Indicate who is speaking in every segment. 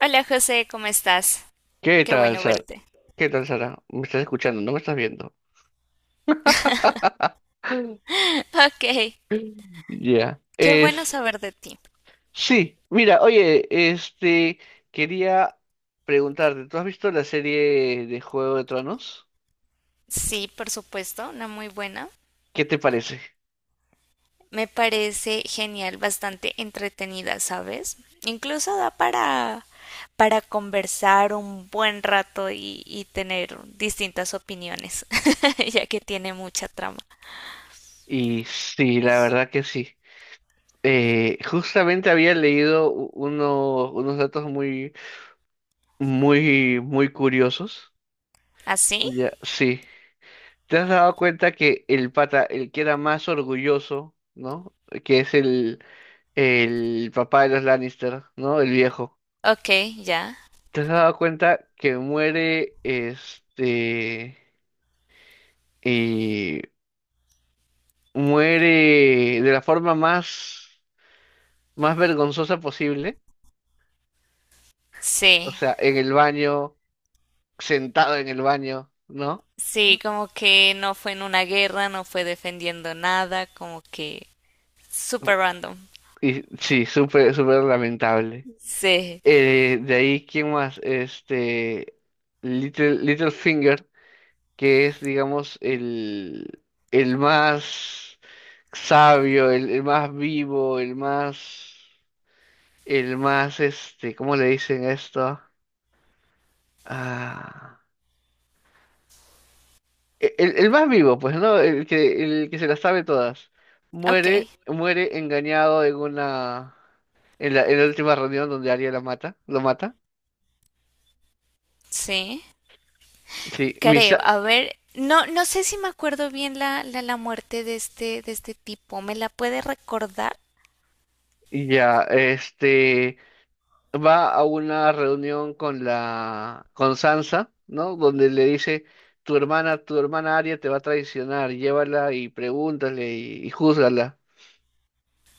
Speaker 1: Hola José, ¿cómo estás?
Speaker 2: ¿Qué
Speaker 1: Qué
Speaker 2: tal,
Speaker 1: bueno
Speaker 2: Sara?
Speaker 1: verte.
Speaker 2: ¿Qué tal, Sara? ¿Me estás escuchando? ¿No me estás viendo?
Speaker 1: Ok,
Speaker 2: Ya.
Speaker 1: qué bueno
Speaker 2: Es...
Speaker 1: saber de ti.
Speaker 2: Sí, mira, oye, este... quería preguntarte, ¿tú has visto la serie de Juego de Tronos?
Speaker 1: Sí, por supuesto, una muy buena.
Speaker 2: ¿Qué te parece?
Speaker 1: Me parece genial, bastante entretenida, ¿sabes? Incluso da para conversar un buen rato y tener distintas opiniones, ya que tiene mucha trama.
Speaker 2: Y sí, la verdad que sí. Justamente había leído unos datos muy curiosos.
Speaker 1: ¿Así?
Speaker 2: Ya, sí. ¿Te has dado cuenta que el pata, el que era más orgulloso, ¿no? Que es el papá de los Lannister, ¿no? El viejo.
Speaker 1: Ok, ya.
Speaker 2: ¿Te has dado cuenta que muere, y muere de la forma más vergonzosa posible? O
Speaker 1: Sí,
Speaker 2: sea, en el baño, sentado en el baño, ¿no?
Speaker 1: sí, como que no fue en una guerra, no fue defendiendo nada, como que super random.
Speaker 2: Y sí, súper, súper lamentable.
Speaker 1: Sí.
Speaker 2: De ahí, ¿quién más? Littlefinger. Que es, digamos, el más sabio, el más vivo, el más, ¿cómo le dicen esto? Ah, el más vivo, pues, ¿no? El que se las sabe todas.
Speaker 1: Ok,
Speaker 2: Muere engañado en una, en la última reunión donde Arya la mata, lo mata.
Speaker 1: sí,
Speaker 2: Sí,
Speaker 1: creo.
Speaker 2: Misha,
Speaker 1: A ver, no, no sé si me acuerdo bien la muerte de este tipo. ¿Me la puede recordar?
Speaker 2: sí. Ya, este. Va a una reunión con la con Sansa, ¿no? Donde le dice, tu hermana Arya te va a traicionar, llévala y pregúntale y júzgala.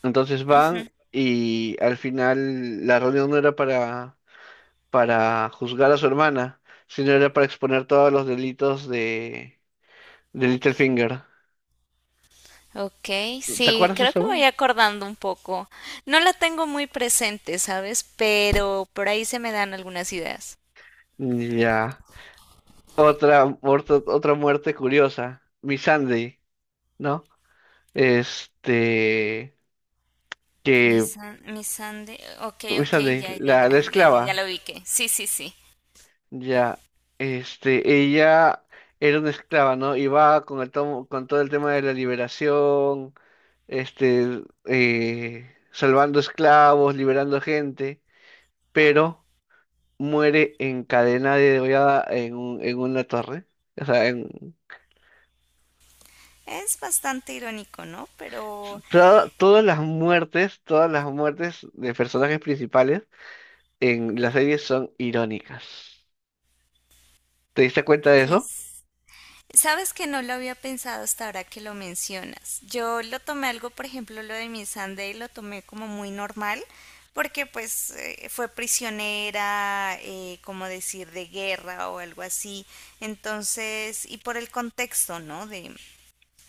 Speaker 2: Entonces van y al final la reunión no era para juzgar a su hermana, sino era para exponer todos los delitos de Littlefinger.
Speaker 1: Ok,
Speaker 2: ¿Te
Speaker 1: sí,
Speaker 2: acuerdas de
Speaker 1: creo que me voy
Speaker 2: eso?
Speaker 1: acordando un poco. No la tengo muy presente, ¿sabes? Pero por ahí se me dan algunas ideas.
Speaker 2: Ya. Otra, otra muerte curiosa, Missandei, ¿no? Este,
Speaker 1: Mi
Speaker 2: que
Speaker 1: san, mi sande, ok, ok,
Speaker 2: esa de
Speaker 1: ya, ya,
Speaker 2: la,
Speaker 1: ya,
Speaker 2: la
Speaker 1: ya, ya, ya
Speaker 2: esclava,
Speaker 1: lo ubiqué. Sí, sí, sí.
Speaker 2: ya, ella era una esclava, ¿no? Iba con el con todo el tema de la liberación, salvando esclavos, liberando gente, pero muere encadenada y degollada en en una torre. O sea, en,
Speaker 1: Es bastante irónico, ¿no? Pero,
Speaker 2: todas las muertes de personajes principales en la serie son irónicas. ¿Te diste cuenta de eso?
Speaker 1: pues sabes que no lo había pensado hasta ahora que lo mencionas. Yo lo tomé algo, por ejemplo, lo de mi Sunday, lo tomé como muy normal, porque pues fue prisionera, como decir, de guerra o algo así. Entonces, y por el contexto, ¿no? De,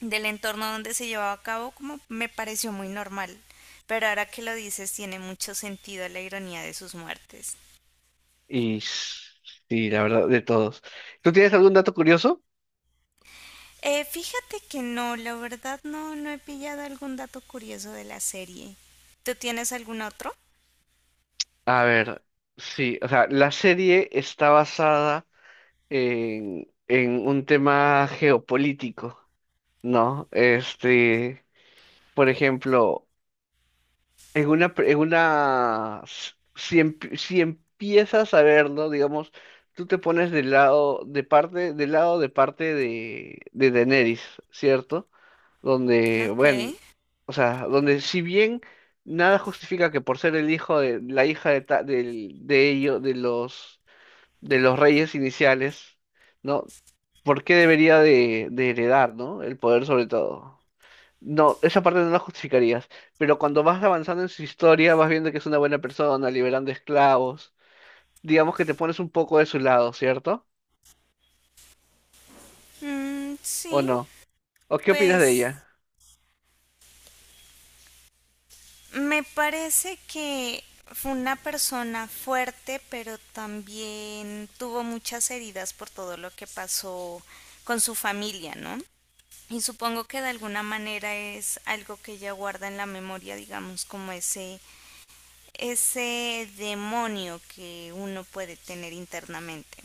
Speaker 1: del entorno donde se llevaba a cabo, como me pareció muy normal. Pero ahora que lo dices, tiene mucho sentido la ironía de sus muertes.
Speaker 2: Y sí, la verdad, de todos. ¿Tú tienes algún dato curioso?
Speaker 1: Fíjate que no, la verdad no, no he pillado algún dato curioso de la serie. ¿Tú tienes algún otro?
Speaker 2: A ver, sí, o sea, la serie está basada en un tema geopolítico, ¿no? Por ejemplo, en una, en una, si empiezas a verlo, digamos, tú te pones del lado, de parte, del lado de parte de Daenerys, ¿cierto? Donde,
Speaker 1: Ok.
Speaker 2: bueno, o sea, donde si bien nada justifica que por ser el hijo de la hija de ellos, de los reyes iniciales, ¿no? ¿Por qué debería de heredar, ¿no? El poder sobre todo. No, esa parte no la justificarías, pero cuando vas avanzando en su historia, vas viendo que es una buena persona, liberando esclavos, digamos que te pones un poco de su lado, ¿cierto?
Speaker 1: Mm,
Speaker 2: ¿O
Speaker 1: sí,
Speaker 2: no? ¿O qué opinas de
Speaker 1: pues
Speaker 2: ella?
Speaker 1: me parece que fue una persona fuerte, pero también tuvo muchas heridas por todo lo que pasó con su familia, ¿no? Y supongo que de alguna manera es algo que ella guarda en la memoria, digamos, como ese demonio que uno puede tener internamente.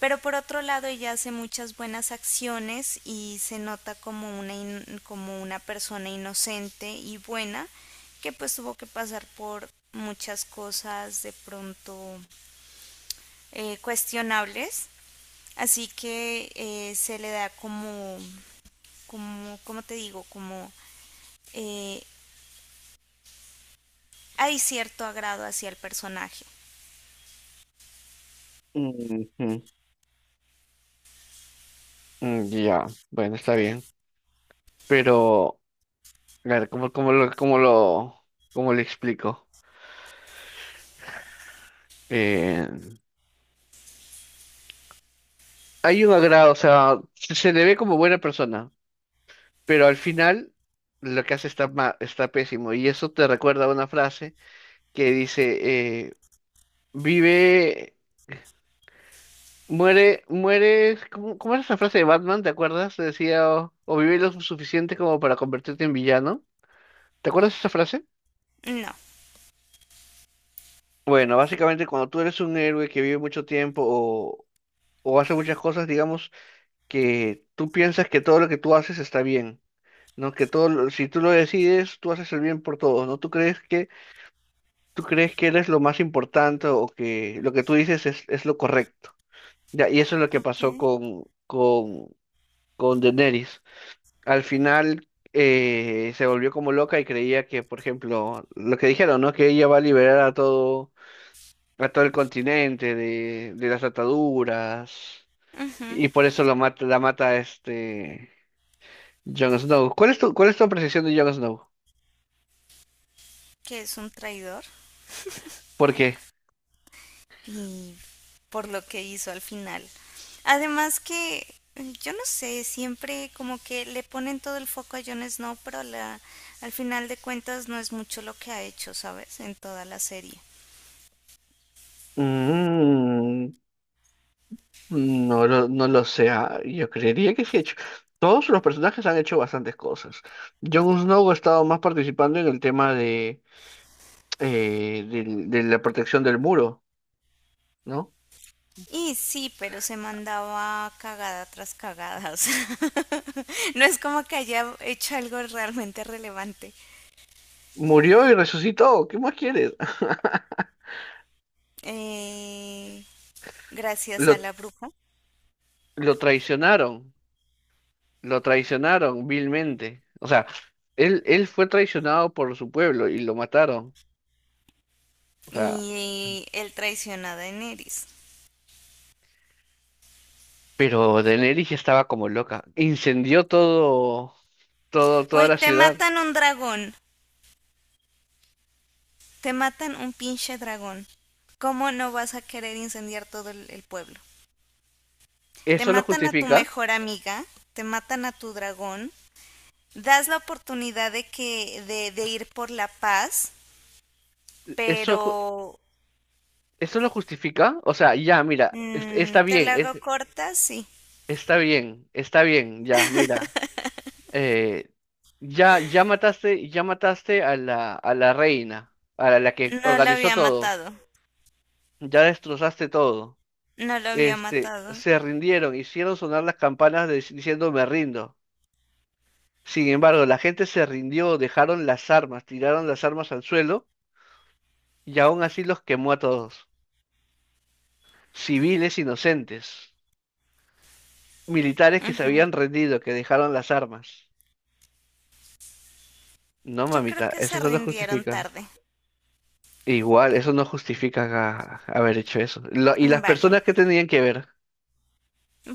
Speaker 1: Pero por otro lado ella hace muchas buenas acciones y se nota como una, in- como una persona inocente y buena que pues tuvo que pasar por muchas cosas de pronto cuestionables. Así que se le da como, como, ¿cómo te digo? Como eh, hay cierto agrado hacia el personaje.
Speaker 2: Ujú. Mm, ya, bueno, está bien. Pero claro, como lo, como le explico. Eh, hay un agrado, o sea, se le ve como buena persona, pero al final lo que hace está, está pésimo. Y eso te recuerda a una frase que dice, vive, muere, ¿cómo era esa frase de Batman? ¿Te acuerdas? Decía, o vive lo suficiente como para convertirte en villano. ¿Te acuerdas de esa frase?
Speaker 1: No.
Speaker 2: Bueno, básicamente cuando tú eres un héroe que vive mucho tiempo o hace muchas cosas, digamos, que tú piensas que todo lo que tú haces está bien, ¿no? Que todo, si tú lo decides, tú haces el bien por todos, ¿no? Tú crees que eres lo más importante o que lo que tú dices es lo correcto. Ya, y eso es lo que pasó
Speaker 1: Okay.
Speaker 2: con Daenerys. Al final se volvió como loca y creía que, por ejemplo, lo que dijeron, ¿no? Que ella va a liberar a a todo el continente de las ataduras.
Speaker 1: Ujú.
Speaker 2: Y por eso lo mata, la mata este Jon Snow. Cuál es tu apreciación de Jon Snow?
Speaker 1: Que es un traidor
Speaker 2: ¿Por qué?
Speaker 1: y por lo que hizo al final. Además que mm, yo no sé, siempre como que le ponen todo el foco a Jon Snow, pero la, al final de cuentas no es mucho lo que ha hecho, ¿sabes? En toda la serie.
Speaker 2: Mm, no lo sé. Ah, yo creería que sí ha hecho. Todos los personajes han hecho bastantes cosas. Jon Snow ha estado más participando en el tema de la protección del muro, ¿no?
Speaker 1: Y sí, pero se mandaba cagada tras cagada. O sea, no es como que haya hecho algo realmente relevante.
Speaker 2: Murió y resucitó. ¿Qué más quieres?
Speaker 1: Eh, Gracias a
Speaker 2: Lo,
Speaker 1: la bruja.
Speaker 2: lo traicionaron, lo traicionaron vilmente. O sea, él fue traicionado por su pueblo y lo mataron. O sea,
Speaker 1: Y el traiciona a Daenerys.
Speaker 2: pero Daenerys ya estaba como loca. Incendió toda
Speaker 1: Güey,
Speaker 2: la
Speaker 1: te
Speaker 2: ciudad.
Speaker 1: matan un dragón. Te matan un pinche dragón. ¿Cómo no vas a querer incendiar todo el pueblo? Te
Speaker 2: ¿Eso lo
Speaker 1: matan a tu
Speaker 2: justifica?
Speaker 1: mejor amiga, te matan a tu dragón, das la oportunidad de que de ir por la paz,
Speaker 2: ¿Eso, ju-
Speaker 1: pero
Speaker 2: ¿eso lo justifica? O sea, ya, mira,
Speaker 1: mm,
Speaker 2: está
Speaker 1: te
Speaker 2: bien,
Speaker 1: la hago corta, sí.
Speaker 2: está bien, está bien, ya, mira. eh, ya, ya mataste a a la reina, a la que
Speaker 1: No lo
Speaker 2: organizó
Speaker 1: había
Speaker 2: todo.
Speaker 1: matado,
Speaker 2: Ya destrozaste todo.
Speaker 1: no lo había
Speaker 2: Este,
Speaker 1: matado.
Speaker 2: se rindieron, hicieron sonar las campanas diciendo me rindo. Sin embargo, la gente se rindió, dejaron las armas, tiraron las armas al suelo y aún así los quemó a todos. Civiles inocentes, militares que se
Speaker 1: Ujú.
Speaker 2: habían rendido, que dejaron las armas. No,
Speaker 1: Yo creo
Speaker 2: mamita,
Speaker 1: que
Speaker 2: eso
Speaker 1: se
Speaker 2: no lo
Speaker 1: rindieron
Speaker 2: justifica.
Speaker 1: tarde.
Speaker 2: Igual, eso no justifica haber hecho eso. Y
Speaker 1: Mm,
Speaker 2: las
Speaker 1: vale.
Speaker 2: personas que tenían que ver.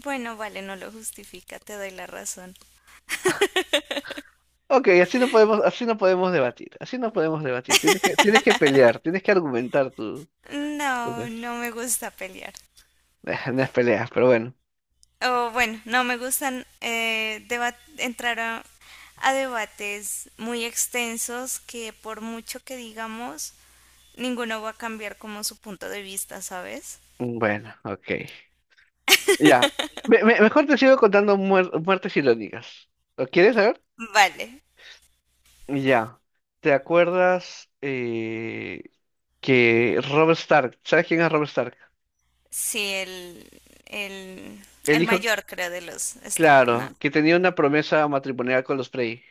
Speaker 1: Bueno, vale, no lo justifica, te doy la razón.
Speaker 2: Ok, así no podemos debatir, así no podemos debatir. Tienes que pelear, tienes que argumentar tú, tú
Speaker 1: No,
Speaker 2: pues.
Speaker 1: no me gusta pelear.
Speaker 2: No es peleas, pero bueno.
Speaker 1: O bueno, no me gustan deba- entrar a debates muy extensos que por mucho que digamos, ninguno va a cambiar como su punto de vista, ¿sabes?
Speaker 2: Bueno, ok. Ya. Mejor te sigo contando muertes irónicas. ¿Lo quieres saber?
Speaker 1: Vale,
Speaker 2: Ya. ¿Te acuerdas que Robert Stark? ¿Sabes quién es Robert Stark?
Speaker 1: sí, el,
Speaker 2: El
Speaker 1: el
Speaker 2: hijo,
Speaker 1: mayor creo de los Stark, ¿no?
Speaker 2: claro, que tenía una promesa matrimonial con los Frey.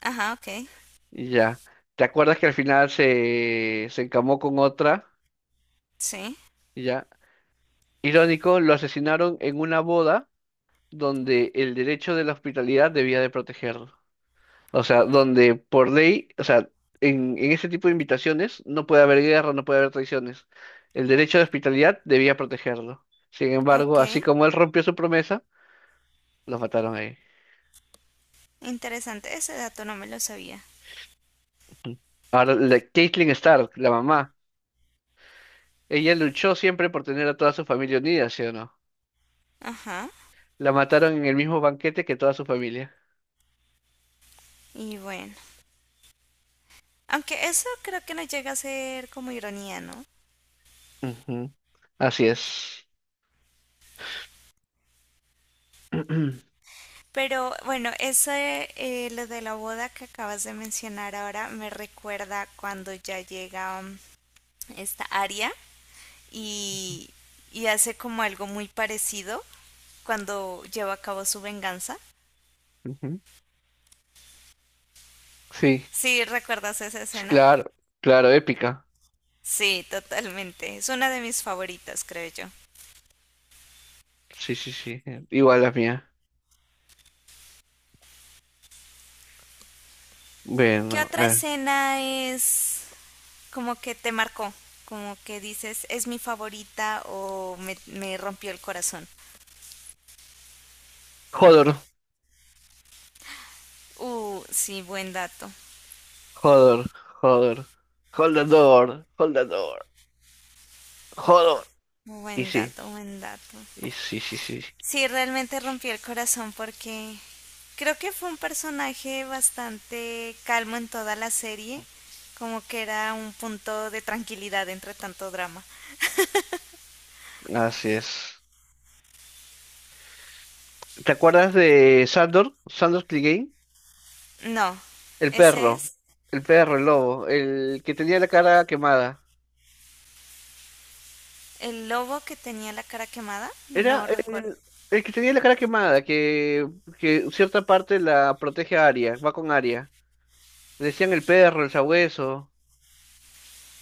Speaker 1: Ajá, ok,
Speaker 2: Ya. ¿Te acuerdas que al final se encamó con otra?
Speaker 1: sí,
Speaker 2: Ya. Irónico, lo asesinaron en una boda donde el derecho de la hospitalidad debía de protegerlo. O sea, donde por ley, o sea, en ese tipo de invitaciones no puede haber guerra, no puede haber traiciones. El derecho de hospitalidad debía protegerlo. Sin embargo,
Speaker 1: ok,
Speaker 2: así como él rompió su promesa, lo mataron ahí.
Speaker 1: interesante, ese dato no me lo sabía.
Speaker 2: Ujú. Ahora, la Caitlyn Stark, la mamá, ella luchó siempre por tener a toda su familia unida, ¿sí o no?
Speaker 1: Ajá,
Speaker 2: La mataron en el mismo banquete que toda su familia.
Speaker 1: y bueno, aunque eso creo que no llega a ser como ironía, ¿no?
Speaker 2: Ujú. Así es. Ujú.
Speaker 1: Pero bueno, eso lo de la boda que acabas de mencionar ahora me recuerda cuando ya llega mm, esta Aria y, y hace como algo muy parecido cuando lleva a cabo su venganza.
Speaker 2: Sí,
Speaker 1: ¿Sí recuerdas esa
Speaker 2: sí,
Speaker 1: escena?
Speaker 2: claro, claro, épica.
Speaker 1: Sí, totalmente. Es una de mis favoritas, creo yo.
Speaker 2: Sí, sí, sí. Igual la mía.
Speaker 1: ¿Qué
Speaker 2: Bueno,
Speaker 1: otra escena es como que te marcó? Como que dices, es mi favorita o me rompió el corazón.
Speaker 2: Hodor,
Speaker 1: Sí, buen dato.
Speaker 2: Hodor, Hodor. Hold the door, Hodor.
Speaker 1: Buen
Speaker 2: Y sí,
Speaker 1: dato, buen dato.
Speaker 2: y sí, sí, sí.
Speaker 1: Sí, realmente rompió el corazón porque creo que fue un personaje bastante calmo en toda la serie, como que era un punto de tranquilidad entre tanto drama.
Speaker 2: Así es. ¿Te acuerdas de Sandor? Sandor Clegane.
Speaker 1: No,
Speaker 2: El
Speaker 1: ese
Speaker 2: perro,
Speaker 1: es
Speaker 2: el perro, el lobo, el que tenía la cara quemada.
Speaker 1: el lobo que tenía la cara quemada,
Speaker 2: Era
Speaker 1: no recuerdo.
Speaker 2: el que tenía la cara quemada, que cierta parte la protege a Arya, va con Arya. Le decían el perro, el sabueso.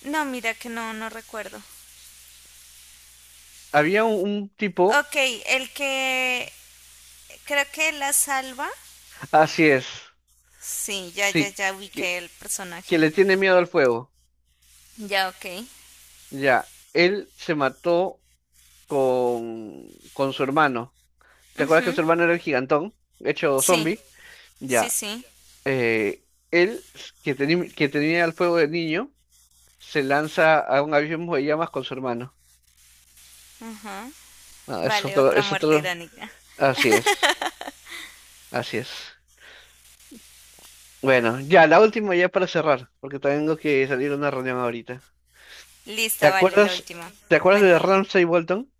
Speaker 1: No, mira que no, no recuerdo.
Speaker 2: Había un tipo,
Speaker 1: Ok, el que creo que la salva.
Speaker 2: así es,
Speaker 1: Sí, ya, ya,
Speaker 2: sí,
Speaker 1: ya
Speaker 2: que,
Speaker 1: ubiqué el personaje.
Speaker 2: que le tiene miedo al fuego.
Speaker 1: Ya, ok.
Speaker 2: Ya, él se mató con su hermano. ¿Te acuerdas
Speaker 1: Ujú,
Speaker 2: que su hermano era el gigantón, hecho
Speaker 1: sí,
Speaker 2: zombie?
Speaker 1: sí,
Speaker 2: Ya,
Speaker 1: sí.
Speaker 2: eh, él, s- que, teni- que tenía el fuego de niño, se lanza a un abismo de llamas con su hermano.
Speaker 1: Ajá.
Speaker 2: Ah, es
Speaker 1: Vale,
Speaker 2: otro,
Speaker 1: otra
Speaker 2: es
Speaker 1: muerte
Speaker 2: otro.
Speaker 1: irónica.
Speaker 2: Así es, así es. Bueno, ya, la última ya para cerrar, porque tengo que salir a una reunión ahorita.
Speaker 1: Listo,
Speaker 2: ¿Te
Speaker 1: vale, la
Speaker 2: acuerdas,
Speaker 1: última.
Speaker 2: ¿te acuerdas de
Speaker 1: Cuéntame.
Speaker 2: Ramsay Bolton?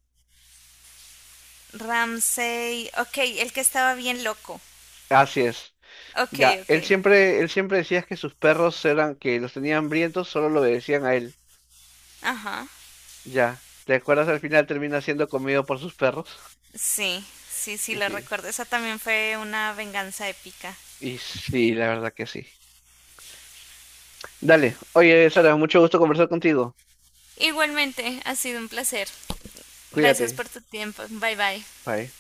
Speaker 1: Ramsey. Ok, el que estaba bien loco.
Speaker 2: Así es.
Speaker 1: Ok,
Speaker 2: Ya,
Speaker 1: ok.
Speaker 2: él siempre decía que sus perros eran, que los tenían hambrientos, solo lo obedecían a él.
Speaker 1: Ajá.
Speaker 2: Ya, ¿te acuerdas? Al final termina siendo comido por sus perros.
Speaker 1: Sí, sí, sí,
Speaker 2: Y
Speaker 1: lo
Speaker 2: sí,
Speaker 1: recuerdo. Esa también fue una venganza épica.
Speaker 2: y sí, la verdad que sí. Dale, oye, Sara, mucho gusto conversar contigo.
Speaker 1: Igualmente, ha sido un placer. Gracias
Speaker 2: Cuídate.
Speaker 1: por tu tiempo. Bye bye.
Speaker 2: Bye.